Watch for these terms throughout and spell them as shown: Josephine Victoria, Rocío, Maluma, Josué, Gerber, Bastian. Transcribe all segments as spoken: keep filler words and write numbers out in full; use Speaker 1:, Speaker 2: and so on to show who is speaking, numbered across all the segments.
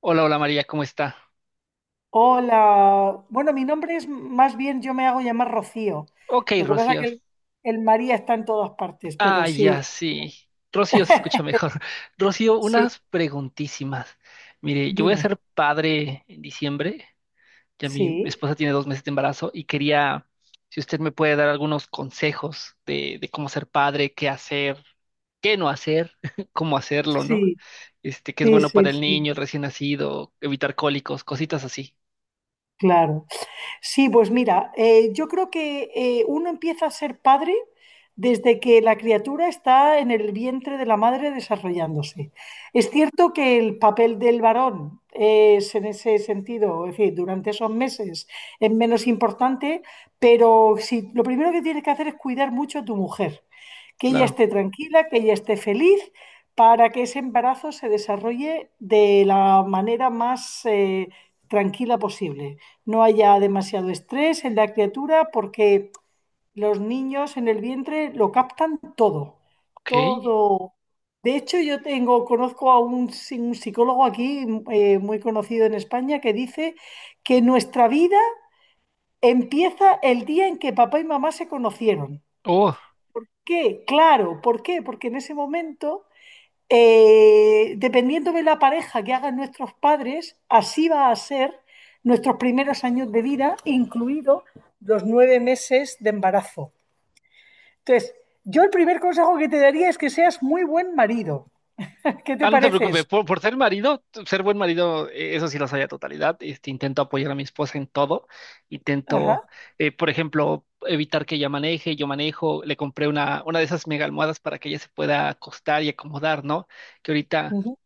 Speaker 1: Hola, hola María, ¿cómo está?
Speaker 2: Hola, bueno, mi nombre es más bien, yo me hago llamar Rocío.
Speaker 1: Ok,
Speaker 2: Lo que pasa es
Speaker 1: Rocío.
Speaker 2: que el, el María está en todas partes, pero
Speaker 1: Ah,
Speaker 2: sí,
Speaker 1: ya
Speaker 2: Rocío.
Speaker 1: sí. Rocío se escucha mejor. Rocío,
Speaker 2: Sí,
Speaker 1: unas preguntísimas. Mire, yo voy a
Speaker 2: dime.
Speaker 1: ser padre en diciembre. Ya mi
Speaker 2: Sí,
Speaker 1: esposa tiene dos meses de embarazo y quería, si usted me puede dar algunos consejos de, de cómo ser padre, qué hacer, qué no hacer, cómo hacerlo, ¿no?
Speaker 2: sí,
Speaker 1: Este, qué es
Speaker 2: sí,
Speaker 1: bueno para
Speaker 2: sí,
Speaker 1: el
Speaker 2: sí,
Speaker 1: niño, el recién nacido, evitar cólicos, cositas así.
Speaker 2: claro. Sí, pues mira, eh, yo creo que eh, uno empieza a ser padre desde que la criatura está en el vientre de la madre desarrollándose. Es cierto que el papel del varón es en ese sentido, es decir, durante esos meses es menos importante, pero si, lo primero que tienes que hacer es cuidar mucho a tu mujer, que ella
Speaker 1: Claro.
Speaker 2: esté tranquila, que ella esté feliz, para que ese embarazo se desarrolle de la manera más eh, tranquila posible, no haya demasiado estrés en la criatura porque los niños en el vientre lo captan todo,
Speaker 1: Ok.
Speaker 2: todo. De hecho, yo tengo, conozco a un, psi- un psicólogo aquí eh, muy conocido en España que dice que nuestra vida empieza el día en que papá y mamá se conocieron.
Speaker 1: Oh.
Speaker 2: ¿Qué? Claro, ¿por qué? Porque en ese momento eh, dependiendo de la pareja que hagan nuestros padres, así va a ser nuestros primeros años de vida, incluidos los nueve meses de embarazo. Entonces, yo el primer consejo que te daría es que seas muy buen marido. ¿Qué te
Speaker 1: Ah, no te
Speaker 2: parece
Speaker 1: preocupes,
Speaker 2: eso?
Speaker 1: por, por ser marido, ser buen marido, eh, eso sí lo soy a totalidad. Este, intento apoyar a mi esposa en todo.
Speaker 2: Ajá,
Speaker 1: Intento, eh, por ejemplo, evitar que ella maneje, yo manejo. Le compré una, una de esas mega almohadas para que ella se pueda acostar y acomodar, ¿no? Que ahorita
Speaker 2: ujú,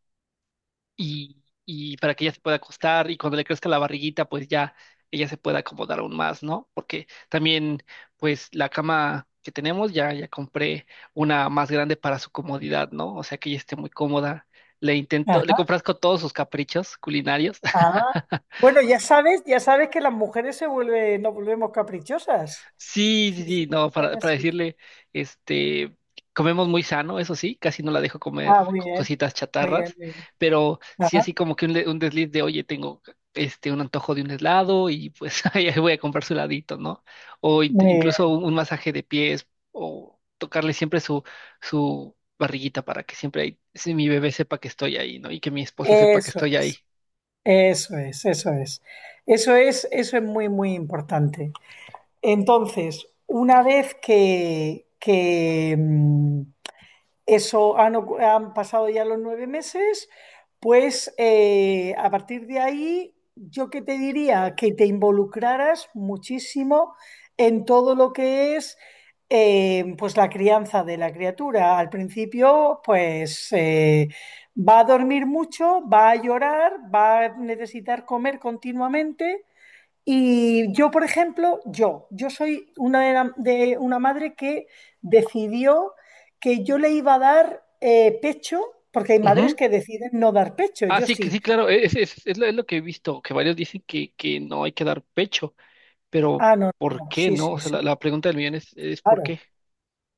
Speaker 1: y, y para que ella se pueda acostar y cuando le crezca la barriguita, pues ya ella se pueda acomodar aún más, ¿no? Porque también, pues la cama que tenemos, ya, ya compré una más grande para su comodidad, ¿no? O sea que ella esté muy cómoda. Le intento, le
Speaker 2: ajá,
Speaker 1: complazco todos sus caprichos culinarios.
Speaker 2: ajá. Bueno, ya sabes, ya sabes que las mujeres se vuelven, nos volvemos caprichosas.
Speaker 1: Sí,
Speaker 2: Sí,
Speaker 1: sí,
Speaker 2: sí,
Speaker 1: sí, no, para,
Speaker 2: en
Speaker 1: para
Speaker 2: eso es.
Speaker 1: decirle, este, comemos muy sano, eso sí, casi no la dejo comer
Speaker 2: Ah, muy
Speaker 1: co-
Speaker 2: bien,
Speaker 1: cositas
Speaker 2: muy bien,
Speaker 1: chatarras,
Speaker 2: muy bien.
Speaker 1: pero sí
Speaker 2: Ajá,
Speaker 1: así como que un, le- un desliz de, oye, tengo este, un antojo de un helado y pues ahí voy a comprar su heladito, ¿no? O in-
Speaker 2: muy
Speaker 1: incluso
Speaker 2: bien.
Speaker 1: un, un masaje de pies o tocarle siempre su, su barriguita para que siempre ahí, si mi bebé sepa que estoy ahí, ¿no? Y que mi esposa sepa que
Speaker 2: Eso
Speaker 1: estoy
Speaker 2: es.
Speaker 1: ahí.
Speaker 2: Eso es, eso es. Eso es, eso es muy, muy importante. Entonces, una vez que, que, mm, eso han, ocu- han pasado ya los nueve meses, pues eh, a partir de ahí, yo que te diría que te involucraras muchísimo en todo lo que es eh, pues la crianza de la criatura. Al principio, pues eh, va a dormir mucho, va a llorar, va a necesitar comer continuamente y yo, por ejemplo, yo, yo soy una de, la- de una madre que decidió que yo le iba a dar eh, pecho, porque hay madres
Speaker 1: Ujú.
Speaker 2: que deciden no dar pecho,
Speaker 1: Ah,
Speaker 2: yo
Speaker 1: sí, que sí,
Speaker 2: sí.
Speaker 1: claro, e, es, es, es lo, es lo que he visto, que varios dicen que, que no hay que dar pecho, pero
Speaker 2: Ah, no,
Speaker 1: ¿por
Speaker 2: no,
Speaker 1: qué
Speaker 2: sí,
Speaker 1: no? O
Speaker 2: sí,
Speaker 1: sea,
Speaker 2: sí,
Speaker 1: la, la pregunta del millón es, es ¿por qué?
Speaker 2: claro,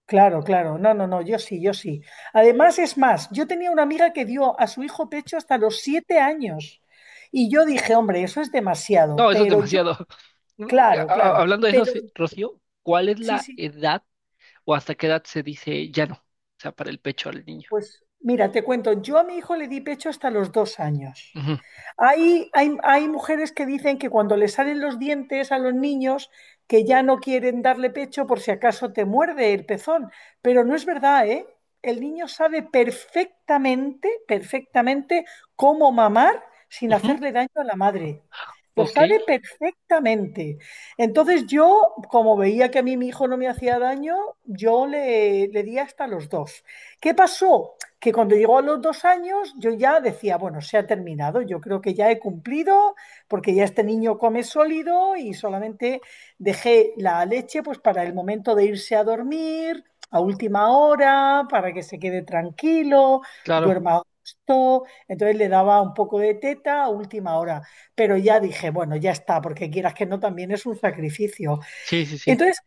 Speaker 2: claro, claro, no, no, no, yo sí, yo sí. Además, es más, yo tenía una amiga que dio a su hijo pecho hasta los siete años y yo dije, hombre, eso es demasiado,
Speaker 1: No, eso es
Speaker 2: pero yo,
Speaker 1: demasiado.
Speaker 2: claro,
Speaker 1: A- a-
Speaker 2: claro,
Speaker 1: Hablando de eso,
Speaker 2: pero
Speaker 1: sí, Rocío, ¿cuál es
Speaker 2: sí,
Speaker 1: la
Speaker 2: sí,
Speaker 1: edad o hasta qué edad se dice ya no? O sea, para el pecho al niño.
Speaker 2: pues mira, te cuento, yo a mi hijo le di pecho hasta los dos años.
Speaker 1: Ujú,
Speaker 2: Hay, hay, hay mujeres que dicen que cuando le salen los dientes a los niños, que ya no quieren darle pecho por si acaso te muerde el pezón. Pero no es verdad, ¿eh? El niño sabe perfectamente, perfectamente cómo mamar sin
Speaker 1: ujú,
Speaker 2: hacerle daño a la madre. Lo
Speaker 1: ok,
Speaker 2: sabe perfectamente. Entonces yo, como veía que a mí mi hijo no me hacía daño, yo le, le di hasta los dos. ¿Qué pasó? Que cuando llegó a los dos años yo ya decía, bueno, se ha terminado, yo creo que ya he cumplido, porque ya este niño come sólido y solamente dejé la leche pues para el momento de irse a dormir, a última hora, para que se quede tranquilo,
Speaker 1: claro.
Speaker 2: duerma a gusto, entonces le daba un poco de teta a última hora, pero ya dije, bueno, ya está, porque quieras que no, también es un sacrificio.
Speaker 1: Sí, sí, sí.
Speaker 2: Entonces,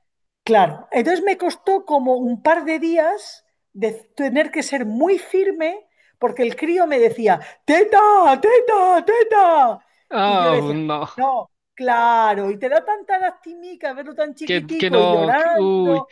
Speaker 2: claro, entonces me costó como un par de días de tener que ser muy firme porque el crío me decía, teta, teta, teta. Y yo
Speaker 1: Ah,
Speaker 2: le decía,
Speaker 1: no.
Speaker 2: no, claro, y te da tanta lastimica verlo tan
Speaker 1: Que, que
Speaker 2: chiquitico y
Speaker 1: no. Que- uy.
Speaker 2: llorando.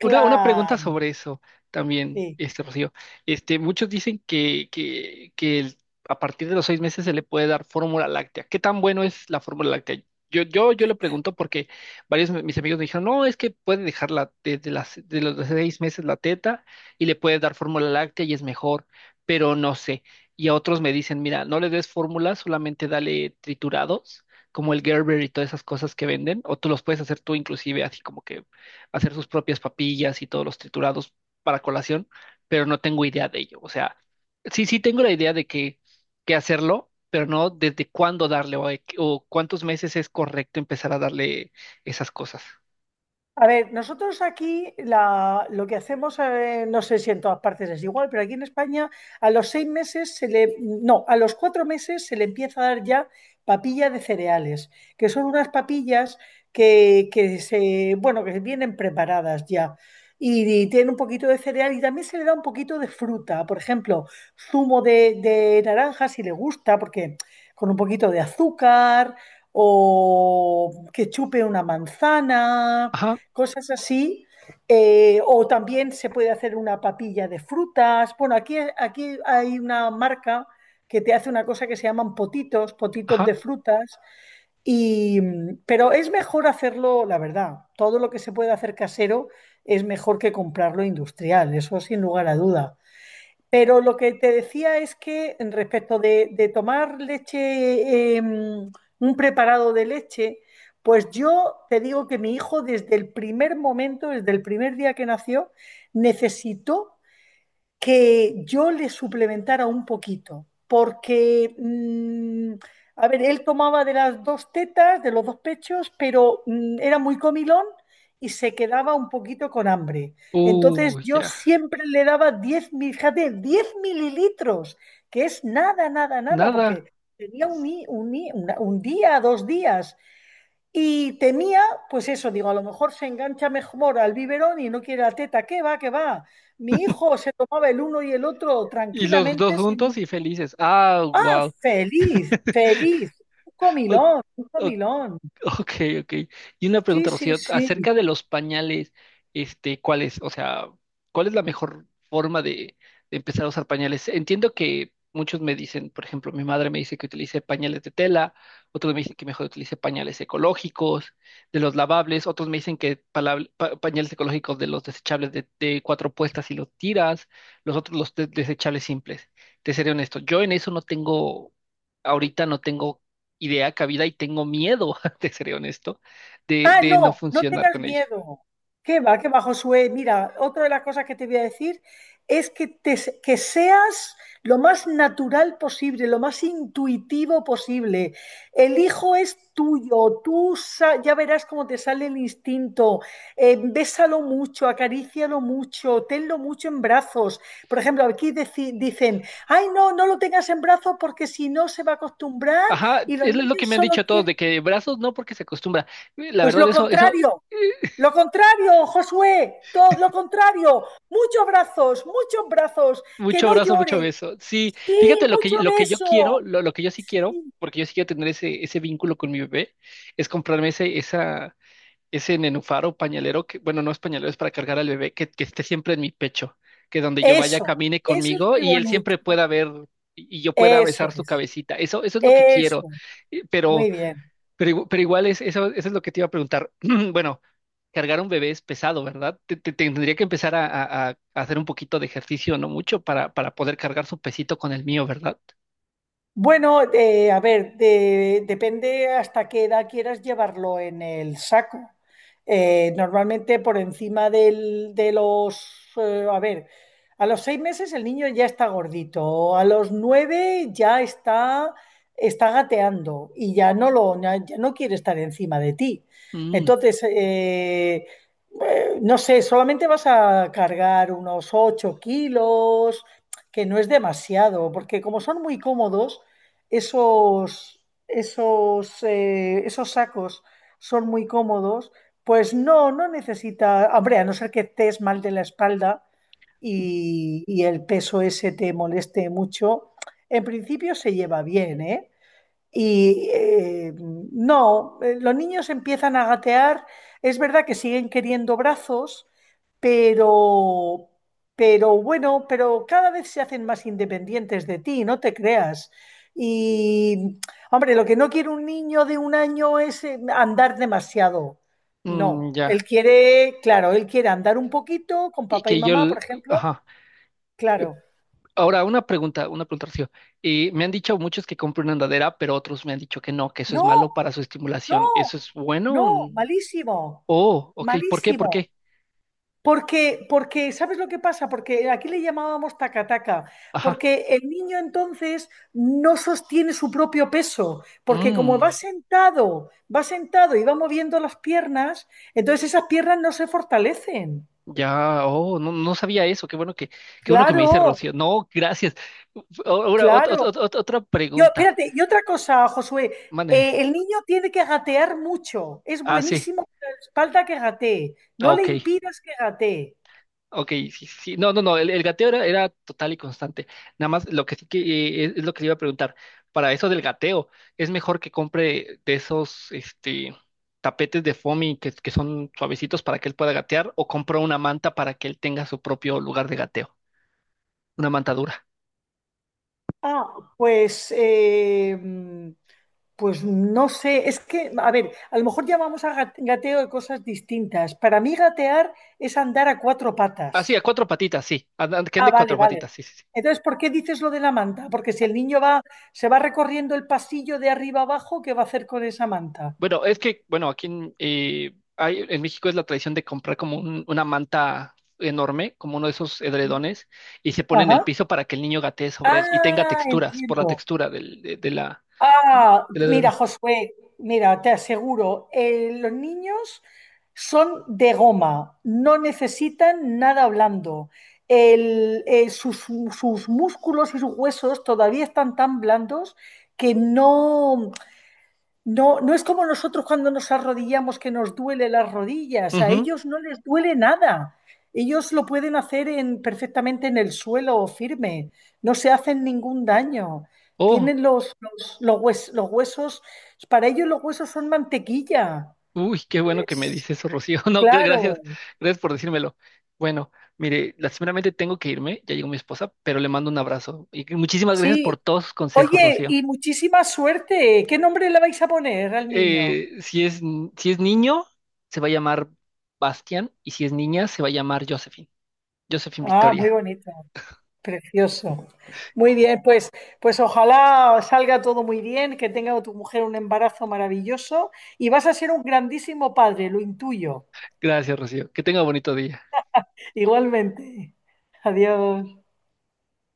Speaker 1: Una, una pregunta sobre eso también,
Speaker 2: sí.
Speaker 1: este Rocío. Este, muchos dicen que, que, que el- a partir de los seis meses se le puede dar fórmula láctea. ¿Qué tan bueno es la fórmula láctea? Yo, yo, yo le pregunto porque varios de mis amigos me dijeron, no, es que puede dejar la, desde las, de los seis meses la teta y le puede dar fórmula láctea y es mejor, pero no sé. Y a otros me dicen, mira, no le des fórmula, solamente dale triturados, como el Gerber y todas esas cosas que venden, o tú los puedes hacer tú inclusive así como que hacer sus propias papillas y todos los triturados para colación, pero no tengo idea de ello. O sea, sí, sí tengo la idea de que, que hacerlo, pero no desde cuándo darle o, de- o cuántos meses es correcto empezar a darle esas cosas.
Speaker 2: A ver, nosotros aquí la- lo que hacemos, eh, no sé si en todas partes es igual, pero aquí en España a los seis meses se le, no, a los cuatro meses se le empieza a dar ya papilla de cereales, que son unas papillas que, que se, bueno, que vienen preparadas ya. Y, tienen un poquito de cereal y también se le da un poquito de fruta, por ejemplo, zumo de, de naranja si le gusta, porque con un poquito de azúcar o que chupe una manzana
Speaker 1: Ajá,
Speaker 2: cosas así. eh, o también se puede hacer una papilla de frutas. Bueno, aquí, aquí hay una marca que te hace una cosa que se llaman potitos, potitos
Speaker 1: ajá.
Speaker 2: de frutas, y, pero es mejor hacerlo, la verdad, todo lo que se puede hacer casero es mejor que comprarlo industrial, eso sin lugar a duda. Pero lo que te decía es que respecto de, de tomar leche, eh, un preparado de leche, pues yo te digo que mi hijo desde el primer momento, desde el primer día que nació, necesitó que yo le suplementara un poquito, porque, mm, a ver, él tomaba de las dos tetas, de los dos pechos, pero mm, era muy comilón y se quedaba un poquito con hambre. Entonces
Speaker 1: Uy,
Speaker 2: yo
Speaker 1: ya.
Speaker 2: siempre le daba diez mil- fíjate, diez mililitros, que es nada, nada, nada,
Speaker 1: Nada.
Speaker 2: porque tenía un, i- un i- una- un día, dos días. Y temía, pues eso, digo, a lo mejor se engancha mejor al biberón y no quiere la teta, ¿qué va, qué va? Mi hijo se tomaba el uno y el otro
Speaker 1: Y los dos
Speaker 2: tranquilamente,
Speaker 1: juntos
Speaker 2: sin.
Speaker 1: y felices. Ah, wow.
Speaker 2: Feliz, feliz, un comilón, un comilón.
Speaker 1: Ok, ok. Y una
Speaker 2: Sí,
Speaker 1: pregunta,
Speaker 2: sí,
Speaker 1: Rocío,
Speaker 2: sí.
Speaker 1: acerca de los pañales, este, ¿cuál es? O sea, ¿cuál es la mejor forma de, de empezar a usar pañales? Entiendo que muchos me dicen, por ejemplo, mi madre me dice que utilice pañales de tela, otros me dicen que mejor utilice pañales ecológicos, de los lavables, otros me dicen que palab- pa- pañales ecológicos de los desechables de, de cuatro puestas y los tiras, los otros los de- desechables simples. Te seré honesto, yo en eso no tengo, ahorita no tengo idea cabida y tengo miedo, te seré honesto, de,
Speaker 2: Ah,
Speaker 1: de no
Speaker 2: no, no
Speaker 1: funcionar
Speaker 2: tengas
Speaker 1: con ella.
Speaker 2: miedo. Qué va, qué va, Josué. Mira, otra de las cosas que te voy a decir es que, te- que seas lo más natural posible, lo más intuitivo posible. El hijo es tuyo, tú sa- ya verás cómo te sale el instinto. Eh, bésalo mucho, acarícialo mucho, tenlo mucho en brazos. Por ejemplo, aquí deci- dicen, ay, no, no lo tengas en brazos porque si no se va a acostumbrar
Speaker 1: Ajá,
Speaker 2: y los
Speaker 1: es
Speaker 2: niños
Speaker 1: lo que me han
Speaker 2: solo
Speaker 1: dicho todos,
Speaker 2: quieren.
Speaker 1: de que brazos no porque se acostumbra. Eh, La
Speaker 2: Pues
Speaker 1: verdad,
Speaker 2: lo
Speaker 1: eso, eso,
Speaker 2: contrario.
Speaker 1: eh,
Speaker 2: Lo contrario, Josué, todo lo contrario. Muchos brazos, muchos brazos, que
Speaker 1: mucho
Speaker 2: no
Speaker 1: brazo, mucho
Speaker 2: llore.
Speaker 1: beso. Sí,
Speaker 2: Sí,
Speaker 1: fíjate lo que,
Speaker 2: mucho
Speaker 1: lo que yo quiero,
Speaker 2: beso.
Speaker 1: lo, lo que yo sí quiero,
Speaker 2: Sí,
Speaker 1: porque yo sí quiero tener ese, ese vínculo con mi bebé, es comprarme ese, esa, ese nenúfar o pañalero que, bueno, no es pañalero, es para cargar al bebé, que, que esté siempre en mi pecho, que donde yo vaya
Speaker 2: eso,
Speaker 1: camine
Speaker 2: eso es
Speaker 1: conmigo
Speaker 2: muy
Speaker 1: y él
Speaker 2: bonito.
Speaker 1: siempre pueda ver, y y yo pueda
Speaker 2: Eso
Speaker 1: besar su
Speaker 2: es,
Speaker 1: cabecita. Eso, eso es lo que quiero.
Speaker 2: eso.
Speaker 1: Eh, Pero,
Speaker 2: Muy bien.
Speaker 1: pero, igu- pero igual es, eso, eso es lo que te iba a preguntar. Bueno, cargar un bebé es pesado, ¿verdad? Te, te- tendría que empezar a, a- a hacer un poquito de ejercicio, no mucho, para, para poder cargar su pesito con el mío, ¿verdad?
Speaker 2: Bueno, eh, a ver, de- depende hasta qué edad quieras llevarlo en el saco. Eh, normalmente por encima del- de los, eh, a ver, a los seis meses el niño ya está gordito, a los nueve ya está, está, gateando y ya no lo, ya ya no quiere estar encima de ti.
Speaker 1: Mm,
Speaker 2: Entonces, eh, eh, no sé, solamente vas a cargar unos ocho kilos, que no es demasiado, porque como son muy cómodos, esos, esos, eh, esos sacos son muy cómodos, pues no, no necesita, hombre, a no ser que estés mal de la espalda y, y el peso ese te moleste mucho, en principio se lleva bien, ¿eh? Y eh, no, eh, los niños empiezan a gatear. Es verdad que siguen queriendo brazos, pero, pero bueno, pero cada vez se hacen más independientes de ti, no te creas. Y, hombre, lo que no quiere un niño de un año es eh, andar demasiado.
Speaker 1: mm,
Speaker 2: No,
Speaker 1: ya.
Speaker 2: él quiere, claro, él quiere andar un poquito con
Speaker 1: Y
Speaker 2: papá y
Speaker 1: que yo,
Speaker 2: mamá, por
Speaker 1: l-
Speaker 2: ejemplo.
Speaker 1: ajá.
Speaker 2: Claro.
Speaker 1: Ahora, una pregunta, una pregunta, Rocío. Y me han dicho muchos que compre una andadera, pero otros me han dicho que no, que eso es
Speaker 2: No,
Speaker 1: malo para su
Speaker 2: no,
Speaker 1: estimulación. ¿Eso es
Speaker 2: no,
Speaker 1: bueno? Mm.
Speaker 2: malísimo,
Speaker 1: Oh, ok. ¿Por qué? ¿Por
Speaker 2: malísimo.
Speaker 1: qué?
Speaker 2: Porque, porque, ¿sabes lo que pasa? Porque aquí le llamábamos tacataca,
Speaker 1: Ajá.
Speaker 2: porque el niño entonces no sostiene su propio peso, porque como va
Speaker 1: Mm,
Speaker 2: sentado, va sentado y va moviendo las piernas, entonces esas piernas no se fortalecen.
Speaker 1: ya, oh, no, no sabía eso. Qué bueno que, qué bueno que me dice
Speaker 2: Claro,
Speaker 1: Rocío. No, gracias. Ahora, ot-
Speaker 2: claro.
Speaker 1: ot- ot- otra
Speaker 2: Yo,
Speaker 1: pregunta.
Speaker 2: espérate, y otra cosa, Josué,
Speaker 1: Mándeme.
Speaker 2: eh, el niño tiene que gatear mucho, es
Speaker 1: Ah, sí.
Speaker 2: buenísimo para la espalda que gatee, no
Speaker 1: Ah,
Speaker 2: le
Speaker 1: ok.
Speaker 2: impidas que gatee.
Speaker 1: Ok, sí, sí. No, no, no, el, el gateo era, era total y constante. Nada más lo que sí que eh, es, es lo que le iba a preguntar. Para eso del gateo, ¿es mejor que compre de esos este, tapetes de foamy que, que son suavecitos para que él pueda gatear, o compro una manta para que él tenga su propio lugar de gateo? Una manta dura.
Speaker 2: Ah, pues... eh, mm, Pues no sé, es que, a ver, a lo mejor llamamos a gat- gateo de cosas distintas. Para mí gatear es andar a cuatro
Speaker 1: Ah, sí, a
Speaker 2: patas.
Speaker 1: cuatro patitas, sí. Anda- Que
Speaker 2: Ah,
Speaker 1: ande
Speaker 2: vale,
Speaker 1: cuatro
Speaker 2: vale.
Speaker 1: patitas, sí, sí, sí.
Speaker 2: Entonces, ¿por qué dices lo de la manta? Porque si el niño va, se va recorriendo el pasillo de arriba abajo, ¿qué va a hacer con esa manta?
Speaker 1: Bueno, es que, bueno, aquí en, eh, hay- en México es la tradición de comprar como un- una manta enorme, como uno de esos edredones, y se pone en el
Speaker 2: Ajá.
Speaker 1: piso para que el niño gatee sobre él y tenga
Speaker 2: Ah,
Speaker 1: texturas, por la
Speaker 2: entiendo.
Speaker 1: textura del, de, de la, de-
Speaker 2: Ah,
Speaker 1: del
Speaker 2: mira,
Speaker 1: edredón.
Speaker 2: Josué, mira, te aseguro, eh, los niños son de goma, no necesitan nada blando. El- eh, sus, sus músculos y sus huesos todavía están tan blandos que no. No, no es como nosotros cuando nos arrodillamos que nos duele las rodillas, a
Speaker 1: Ujú.
Speaker 2: ellos no les duele nada. Ellos lo pueden hacer en, perfectamente en el suelo firme, no se hacen ningún daño.
Speaker 1: Oh,
Speaker 2: Tienen los, los, los hues- los huesos, para ellos los huesos son mantequilla.
Speaker 1: uy, qué bueno que me
Speaker 2: Es-
Speaker 1: dice eso, Rocío. No, gra-
Speaker 2: claro,
Speaker 1: gracias, gracias por decírmelo. Bueno, mire, lastimeramente tengo que irme, ya llegó mi esposa, pero le mando un abrazo. Y muchísimas gracias por
Speaker 2: sí.
Speaker 1: todos sus consejos,
Speaker 2: Oye,
Speaker 1: Rocío.
Speaker 2: y muchísima suerte. ¿Qué nombre le vais a poner al niño?
Speaker 1: Eh, si es, si es niño, se va a llamar Bastian, y si es niña, se va a llamar Josephine. Josephine
Speaker 2: Ah, muy
Speaker 1: Victoria.
Speaker 2: bonito. Precioso. Muy bien, pues, pues, ojalá salga todo muy bien, que tenga tu mujer un embarazo maravilloso y vas a ser un grandísimo padre, lo intuyo.
Speaker 1: Gracias, Rocío. Que tenga bonito día.
Speaker 2: Igualmente. Adiós.